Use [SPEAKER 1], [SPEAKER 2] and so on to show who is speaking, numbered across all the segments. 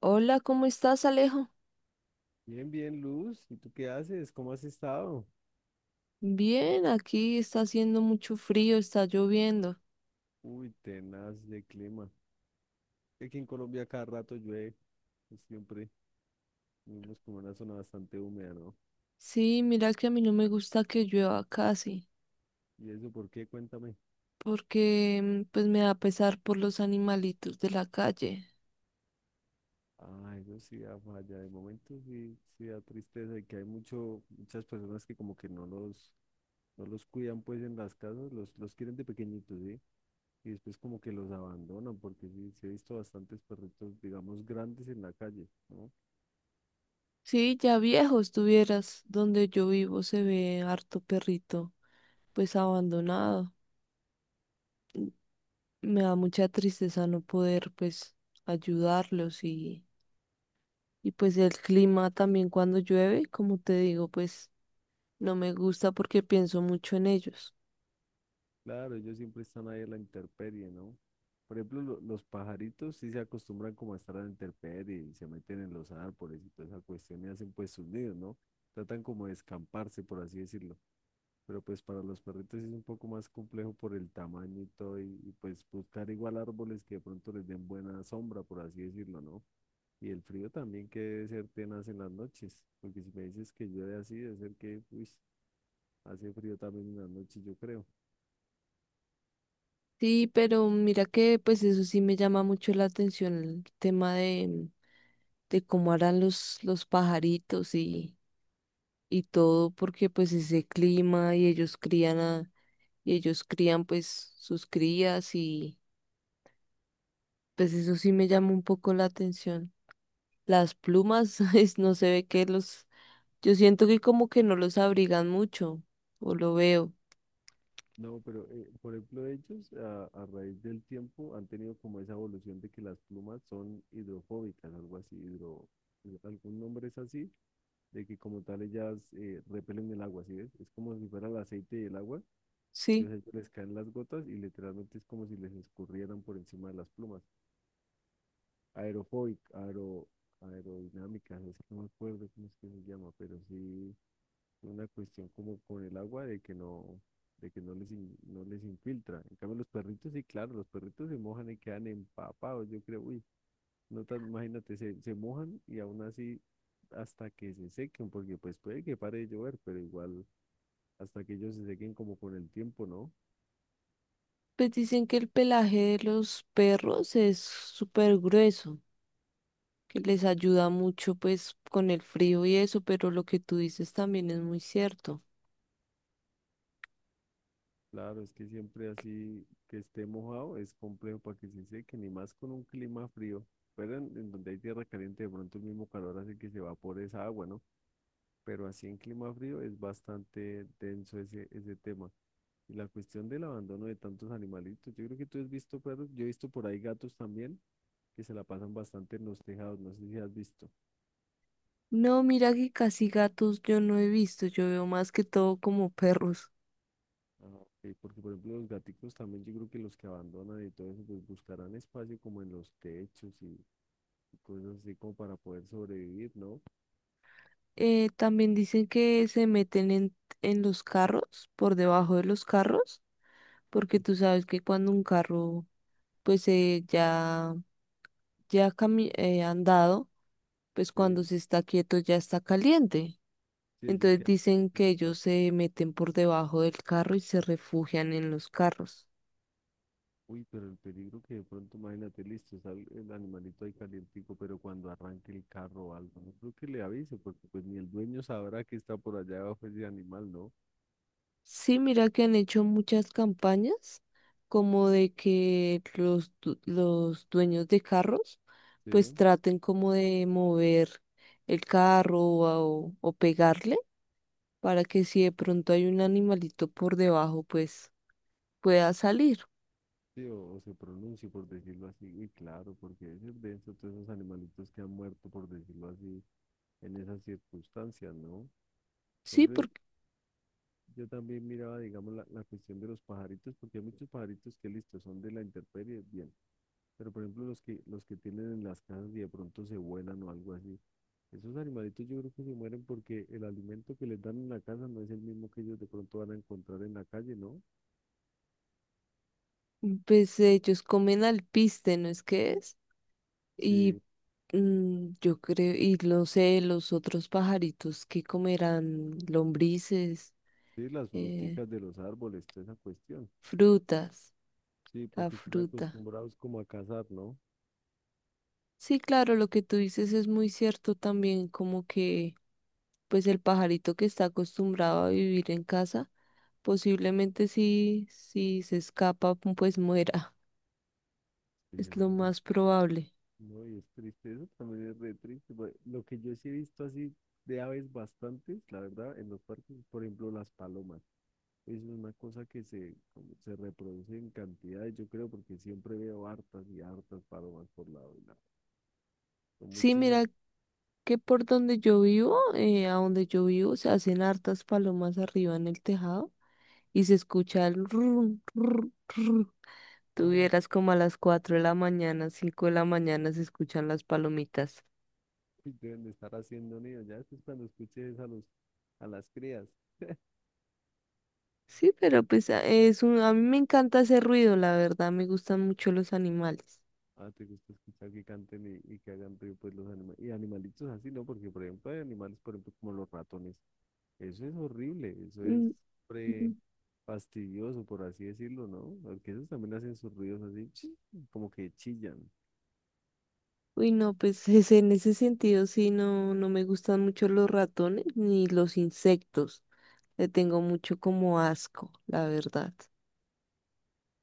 [SPEAKER 1] Hola, ¿cómo estás, Alejo?
[SPEAKER 2] Bien, bien, Luz. ¿Y tú qué haces? ¿Cómo has estado?
[SPEAKER 1] Bien, aquí está haciendo mucho frío, está lloviendo.
[SPEAKER 2] Uy, tenaz de clima. Aquí en Colombia cada rato llueve, pues siempre vivimos como en una zona bastante húmeda, ¿no?
[SPEAKER 1] Sí, mira que a mí no me gusta que llueva casi,
[SPEAKER 2] ¿Y eso por qué? Cuéntame.
[SPEAKER 1] porque pues me da pesar por los animalitos de la calle.
[SPEAKER 2] Ah, eso sí da falla. De momento sí, sí da tristeza y que hay mucho, muchas personas que como que no los cuidan pues en las casas, los quieren de pequeñitos, ¿sí? Y después como que los abandonan, porque sí, sí he visto bastantes perritos, digamos, grandes en la calle, ¿no?
[SPEAKER 1] Sí, ya viejo estuvieras, donde yo vivo se ve harto perrito, pues abandonado. Me da mucha tristeza no poder pues ayudarlos y pues el clima también cuando llueve, como te digo, pues no me gusta porque pienso mucho en ellos.
[SPEAKER 2] Claro, ellos siempre están ahí en la intemperie, ¿no? Por ejemplo, los pajaritos sí se acostumbran como a estar a la intemperie y se meten en los árboles y toda esa cuestión y hacen pues sus nidos, ¿no? Tratan como de escamparse, por así decirlo. Pero pues para los perritos sí es un poco más complejo por el tamaño y todo y pues buscar igual árboles que de pronto les den buena sombra, por así decirlo, ¿no? Y el frío también que debe ser tenaz en las noches, porque si me dices que llueve así, debe ser que, uy, hace frío también en las noches, yo creo.
[SPEAKER 1] Sí, pero mira que pues eso sí me llama mucho la atención, el tema de cómo harán los pajaritos y todo, porque pues ese clima y ellos crían a, y ellos crían pues sus crías y pues eso sí me llama un poco la atención. Las plumas, no se ve que los, yo siento que como que no los abrigan mucho, o lo veo,
[SPEAKER 2] No, pero por ejemplo ellos a raíz del tiempo han tenido como esa evolución de que las plumas son hidrofóbicas, algo así, algún nombre es así, de que como tal ellas repelen el agua, ¿sí ves? Es como si fuera el aceite y el agua,
[SPEAKER 1] sí.
[SPEAKER 2] entonces a ellos les caen las gotas y literalmente es como si les escurrieran por encima de las plumas. Aerofóbica, aero, Aerodinámicas, es que no me acuerdo cómo es que se llama, pero sí una cuestión como con el agua de que no les, no les infiltra. En cambio, los perritos, sí, claro, los perritos se mojan y quedan empapados, yo creo, uy, no tan, imagínate, se mojan y aún así hasta que se sequen, porque pues puede que pare de llover, pero igual hasta que ellos se sequen como con el tiempo, ¿no?
[SPEAKER 1] Pues dicen que el pelaje de los perros es súper grueso, que les ayuda mucho pues con el frío y eso, pero lo que tú dices también es muy cierto.
[SPEAKER 2] Claro, es que siempre así que esté mojado es complejo para que se sequen, y más con un clima frío. Pero en donde hay tierra caliente, de pronto el mismo calor hace que se evapore esa agua, ¿no? Pero así en clima frío es bastante denso ese tema. Y la cuestión del abandono de tantos animalitos, yo creo que tú has visto perros, yo he visto por ahí gatos también que se la pasan bastante en los tejados, no sé si has visto.
[SPEAKER 1] No, mira que casi gatos yo no he visto, yo veo más que todo como perros.
[SPEAKER 2] Ah, porque, por ejemplo, los gaticos también, yo creo que los que abandonan y todo eso, pues buscarán espacio como en los techos y cosas así como para poder sobrevivir, ¿no?
[SPEAKER 1] También dicen que se meten en los carros, por debajo de los carros, porque tú sabes que cuando un carro pues andado, pues cuando
[SPEAKER 2] Sí,
[SPEAKER 1] se está quieto ya está caliente.
[SPEAKER 2] sí, ellos
[SPEAKER 1] Entonces
[SPEAKER 2] quedan
[SPEAKER 1] dicen que
[SPEAKER 2] pues.
[SPEAKER 1] ellos se meten por debajo del carro y se refugian en los carros.
[SPEAKER 2] Uy, pero el peligro que de pronto, imagínate, listo, sale el animalito ahí calientico, pero cuando arranque el carro o algo, no creo que le avise, porque pues ni el dueño sabrá que está por allá abajo ese animal, ¿no?
[SPEAKER 1] Sí, mira que han hecho muchas campañas como de que los dueños de carros pues
[SPEAKER 2] Sí,
[SPEAKER 1] traten como de mover el carro o pegarle para que si de pronto hay un animalito por debajo pues pueda salir.
[SPEAKER 2] sí, o se pronuncie, por decirlo así, y claro, porque es denso todos esos animalitos que han muerto, por decirlo así, en esas circunstancias, ¿no? Por
[SPEAKER 1] Sí,
[SPEAKER 2] ejemplo,
[SPEAKER 1] porque
[SPEAKER 2] yo también miraba, digamos, la cuestión de los pajaritos, porque hay muchos pajaritos que, listo, son de la intemperie, bien, pero por ejemplo, los que tienen en las casas y de pronto se vuelan o algo así. Esos animalitos yo creo que se mueren porque el alimento que les dan en la casa no es el mismo que ellos de pronto van a encontrar en la calle, ¿no?
[SPEAKER 1] pues ellos comen alpiste, ¿no es que es? Y
[SPEAKER 2] Sí,
[SPEAKER 1] yo creo, y no sé, los otros pajaritos que comerán lombrices,
[SPEAKER 2] sí, las
[SPEAKER 1] eh,
[SPEAKER 2] fruticas de los árboles, toda esa cuestión.
[SPEAKER 1] frutas,
[SPEAKER 2] Sí,
[SPEAKER 1] la
[SPEAKER 2] porque están
[SPEAKER 1] fruta.
[SPEAKER 2] acostumbrados como a cazar, ¿no?
[SPEAKER 1] Sí, claro, lo que tú dices es muy cierto también, como que pues el pajarito que está acostumbrado a vivir en casa, posiblemente si se escapa, pues muera.
[SPEAKER 2] Sí,
[SPEAKER 1] Es
[SPEAKER 2] no,
[SPEAKER 1] lo
[SPEAKER 2] es-
[SPEAKER 1] más probable.
[SPEAKER 2] no, y es triste, eso también es re triste. Pues, lo que yo sí he visto así de aves bastantes, la verdad, en los parques, por ejemplo, las palomas. Es una cosa que se, como se reproduce en cantidades, yo creo, porque siempre veo hartas y hartas palomas por lado y lado. Son
[SPEAKER 1] Sí,
[SPEAKER 2] muchísimas.
[SPEAKER 1] mira que por donde yo vivo, se hacen hartas palomas arriba en el tejado, y se escucha el rum, rum, rum. Tú como a las 4 de la mañana, 5 de la mañana se escuchan las palomitas.
[SPEAKER 2] Uy, deben de estar haciendo nido. Ya después cuando escuches a a las crías,
[SPEAKER 1] Sí, pero pues a mí me encanta ese ruido, la verdad, me gustan mucho los animales.
[SPEAKER 2] ah, te gusta escuchar que canten y que hagan ruido pues los animales. Y animalitos así, ¿no? Porque por ejemplo hay animales, por ejemplo, como los ratones. Eso es horrible, eso es
[SPEAKER 1] Mm,
[SPEAKER 2] pre
[SPEAKER 1] mm.
[SPEAKER 2] fastidioso, por así decirlo, ¿no? Porque esos también hacen sus ruidos así, chi, como que chillan.
[SPEAKER 1] Uy, no, pues en ese sentido sí, no, no me gustan mucho los ratones ni los insectos. Le tengo mucho como asco, la verdad.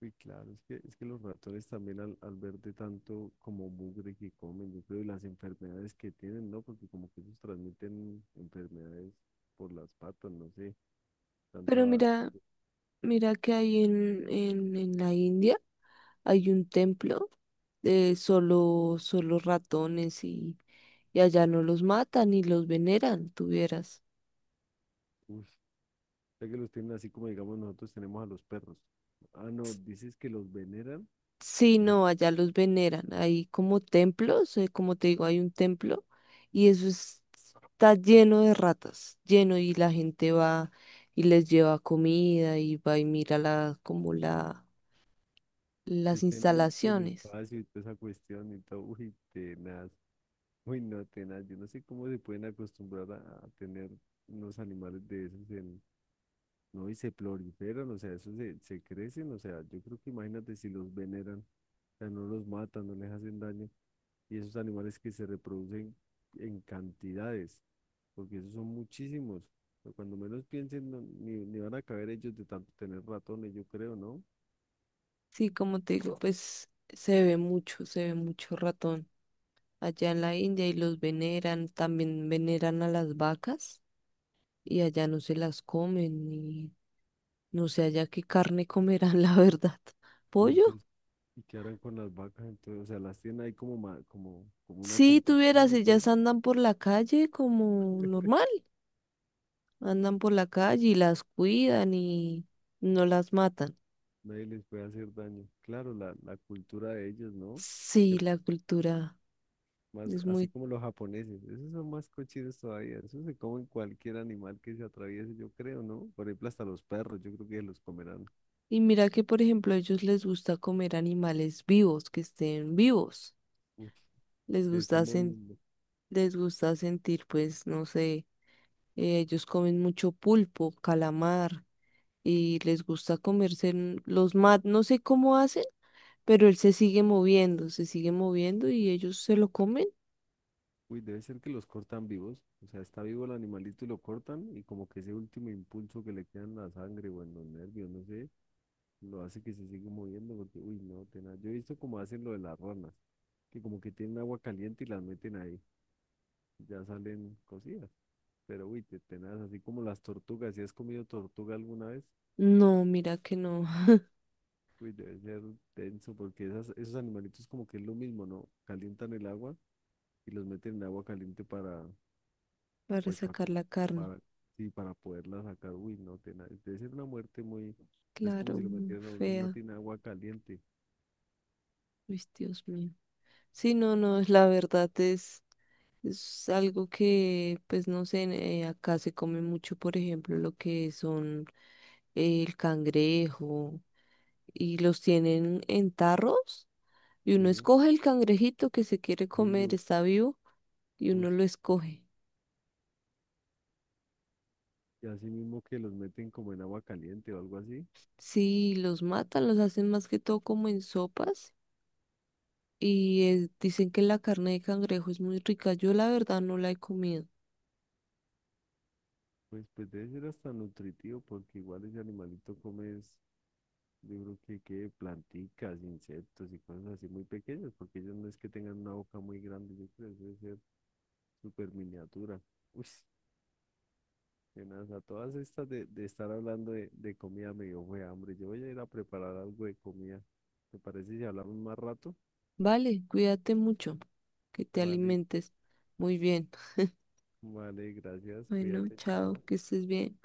[SPEAKER 2] Uy, claro, es que los ratones también al ver de tanto como mugre que comen, yo creo, y las enfermedades que tienen, ¿no? Porque como que ellos transmiten enfermedades por las patas, no sé, tanta
[SPEAKER 1] Pero
[SPEAKER 2] base.
[SPEAKER 1] mira, mira que hay en la India hay un templo de solo ratones y allá no los matan y los veneran, tuvieras.
[SPEAKER 2] Uf, sé que los tienen así como digamos nosotros tenemos a los perros. Ah, no, dices que los veneran,
[SPEAKER 1] Sí,
[SPEAKER 2] o sea,
[SPEAKER 1] no, allá los veneran. Hay como templos, como te digo, hay un templo y está lleno de ratas, lleno y la gente va y les lleva comida y va y mira
[SPEAKER 2] que
[SPEAKER 1] las
[SPEAKER 2] estén limpios el
[SPEAKER 1] instalaciones.
[SPEAKER 2] espacio y toda esa cuestión y todo, uy, tenaz, uy, no, tenaz, yo no sé cómo se pueden acostumbrar a tener unos animales de esos, ¿no? Y se proliferan, o sea, se crecen, o sea, yo creo que imagínate si los veneran, o sea, no los matan, no les hacen daño, y esos animales que se reproducen en cantidades, porque esos son muchísimos, pero cuando menos piensen, ni van a caber ellos de tanto tener ratones, yo creo, ¿no?
[SPEAKER 1] Sí, como te digo, pues se ve mucho ratón. Allá en la India y los veneran, también veneran a las vacas y allá no se las comen y no sé allá qué carne comerán, la verdad.
[SPEAKER 2] Y
[SPEAKER 1] ¿Pollo?
[SPEAKER 2] entonces, y qué harán con las vacas, entonces, o sea, las tienen ahí como una
[SPEAKER 1] Sí,
[SPEAKER 2] compañía,
[SPEAKER 1] tuvieras,
[SPEAKER 2] ¿o qué?
[SPEAKER 1] ellas andan por la calle como normal, andan por la calle y las cuidan y no las matan.
[SPEAKER 2] Nadie les puede hacer daño. Claro, la cultura de ellos, ¿no?
[SPEAKER 1] Sí,
[SPEAKER 2] Se
[SPEAKER 1] la cultura
[SPEAKER 2] más,
[SPEAKER 1] es
[SPEAKER 2] así
[SPEAKER 1] muy...
[SPEAKER 2] como los japoneses, esos son más cochinos todavía, esos se comen cualquier animal que se atraviese, yo creo, ¿no? Por ejemplo, hasta los perros, yo creo que los comerán.
[SPEAKER 1] Y mira que, por ejemplo, a ellos les gusta comer animales vivos, que estén vivos.
[SPEAKER 2] Uy,
[SPEAKER 1] Les
[SPEAKER 2] que estén
[SPEAKER 1] gusta,
[SPEAKER 2] moviendo.
[SPEAKER 1] les gusta sentir, pues, no sé, ellos comen mucho pulpo, calamar, y les gusta comerse en- los mat, no sé cómo hacen, pero él se sigue moviendo y ellos se lo comen.
[SPEAKER 2] Uy, debe ser que los cortan vivos, o sea, está vivo el animalito y lo cortan y como que ese último impulso que le queda en la sangre o en los nervios, no sé, lo hace que se siga moviendo porque, uy, no, tenaz. Yo he visto como hacen lo de las ranas, que como que tienen agua caliente y las meten ahí, ya salen cocidas, pero uy, tenaz, así como las tortugas, ¿si has comido tortuga alguna vez?
[SPEAKER 1] No, mira que no,
[SPEAKER 2] Uy, debe ser denso porque esas, esos animalitos como que es lo mismo, ¿no? Calientan el agua y los meten en agua caliente para,
[SPEAKER 1] para
[SPEAKER 2] pues, pa-
[SPEAKER 1] sacar la carne.
[SPEAKER 2] para, sí, para poderla sacar. Uy, no, debe ser una muerte muy, es como
[SPEAKER 1] Claro,
[SPEAKER 2] si lo
[SPEAKER 1] muy
[SPEAKER 2] metieran a uno en una
[SPEAKER 1] fea.
[SPEAKER 2] tina de agua caliente.
[SPEAKER 1] Uy, Dios mío. Sí, no, no, es la verdad es algo que, pues no sé, acá se come mucho, por ejemplo, lo que son el cangrejo y los tienen en tarros. Y uno
[SPEAKER 2] Sí.
[SPEAKER 1] escoge el cangrejito que se quiere
[SPEAKER 2] Sí,
[SPEAKER 1] comer, está vivo, y
[SPEAKER 2] uy,
[SPEAKER 1] uno lo escoge.
[SPEAKER 2] y así mismo que los meten como en agua caliente o algo así,
[SPEAKER 1] Sí, los matan, los hacen más que todo como en sopas. Y dicen que la carne de cangrejo es muy rica. Yo la verdad no la he comido.
[SPEAKER 2] pues debe ser hasta nutritivo porque igual ese animalito come. Yo creo que planticas, insectos y cosas así muy pequeñas, porque ellos no es que tengan una boca muy grande, yo creo que debe ser súper miniatura. Uy, a todas estas de estar hablando de comida me dio fue hambre. Yo voy a ir a preparar algo de comida. ¿Te parece si hablamos más rato?
[SPEAKER 1] Vale, cuídate mucho, que te
[SPEAKER 2] Vale,
[SPEAKER 1] alimentes muy bien.
[SPEAKER 2] vale, gracias,
[SPEAKER 1] Bueno,
[SPEAKER 2] cuídate,
[SPEAKER 1] chao,
[SPEAKER 2] chao.
[SPEAKER 1] que estés bien.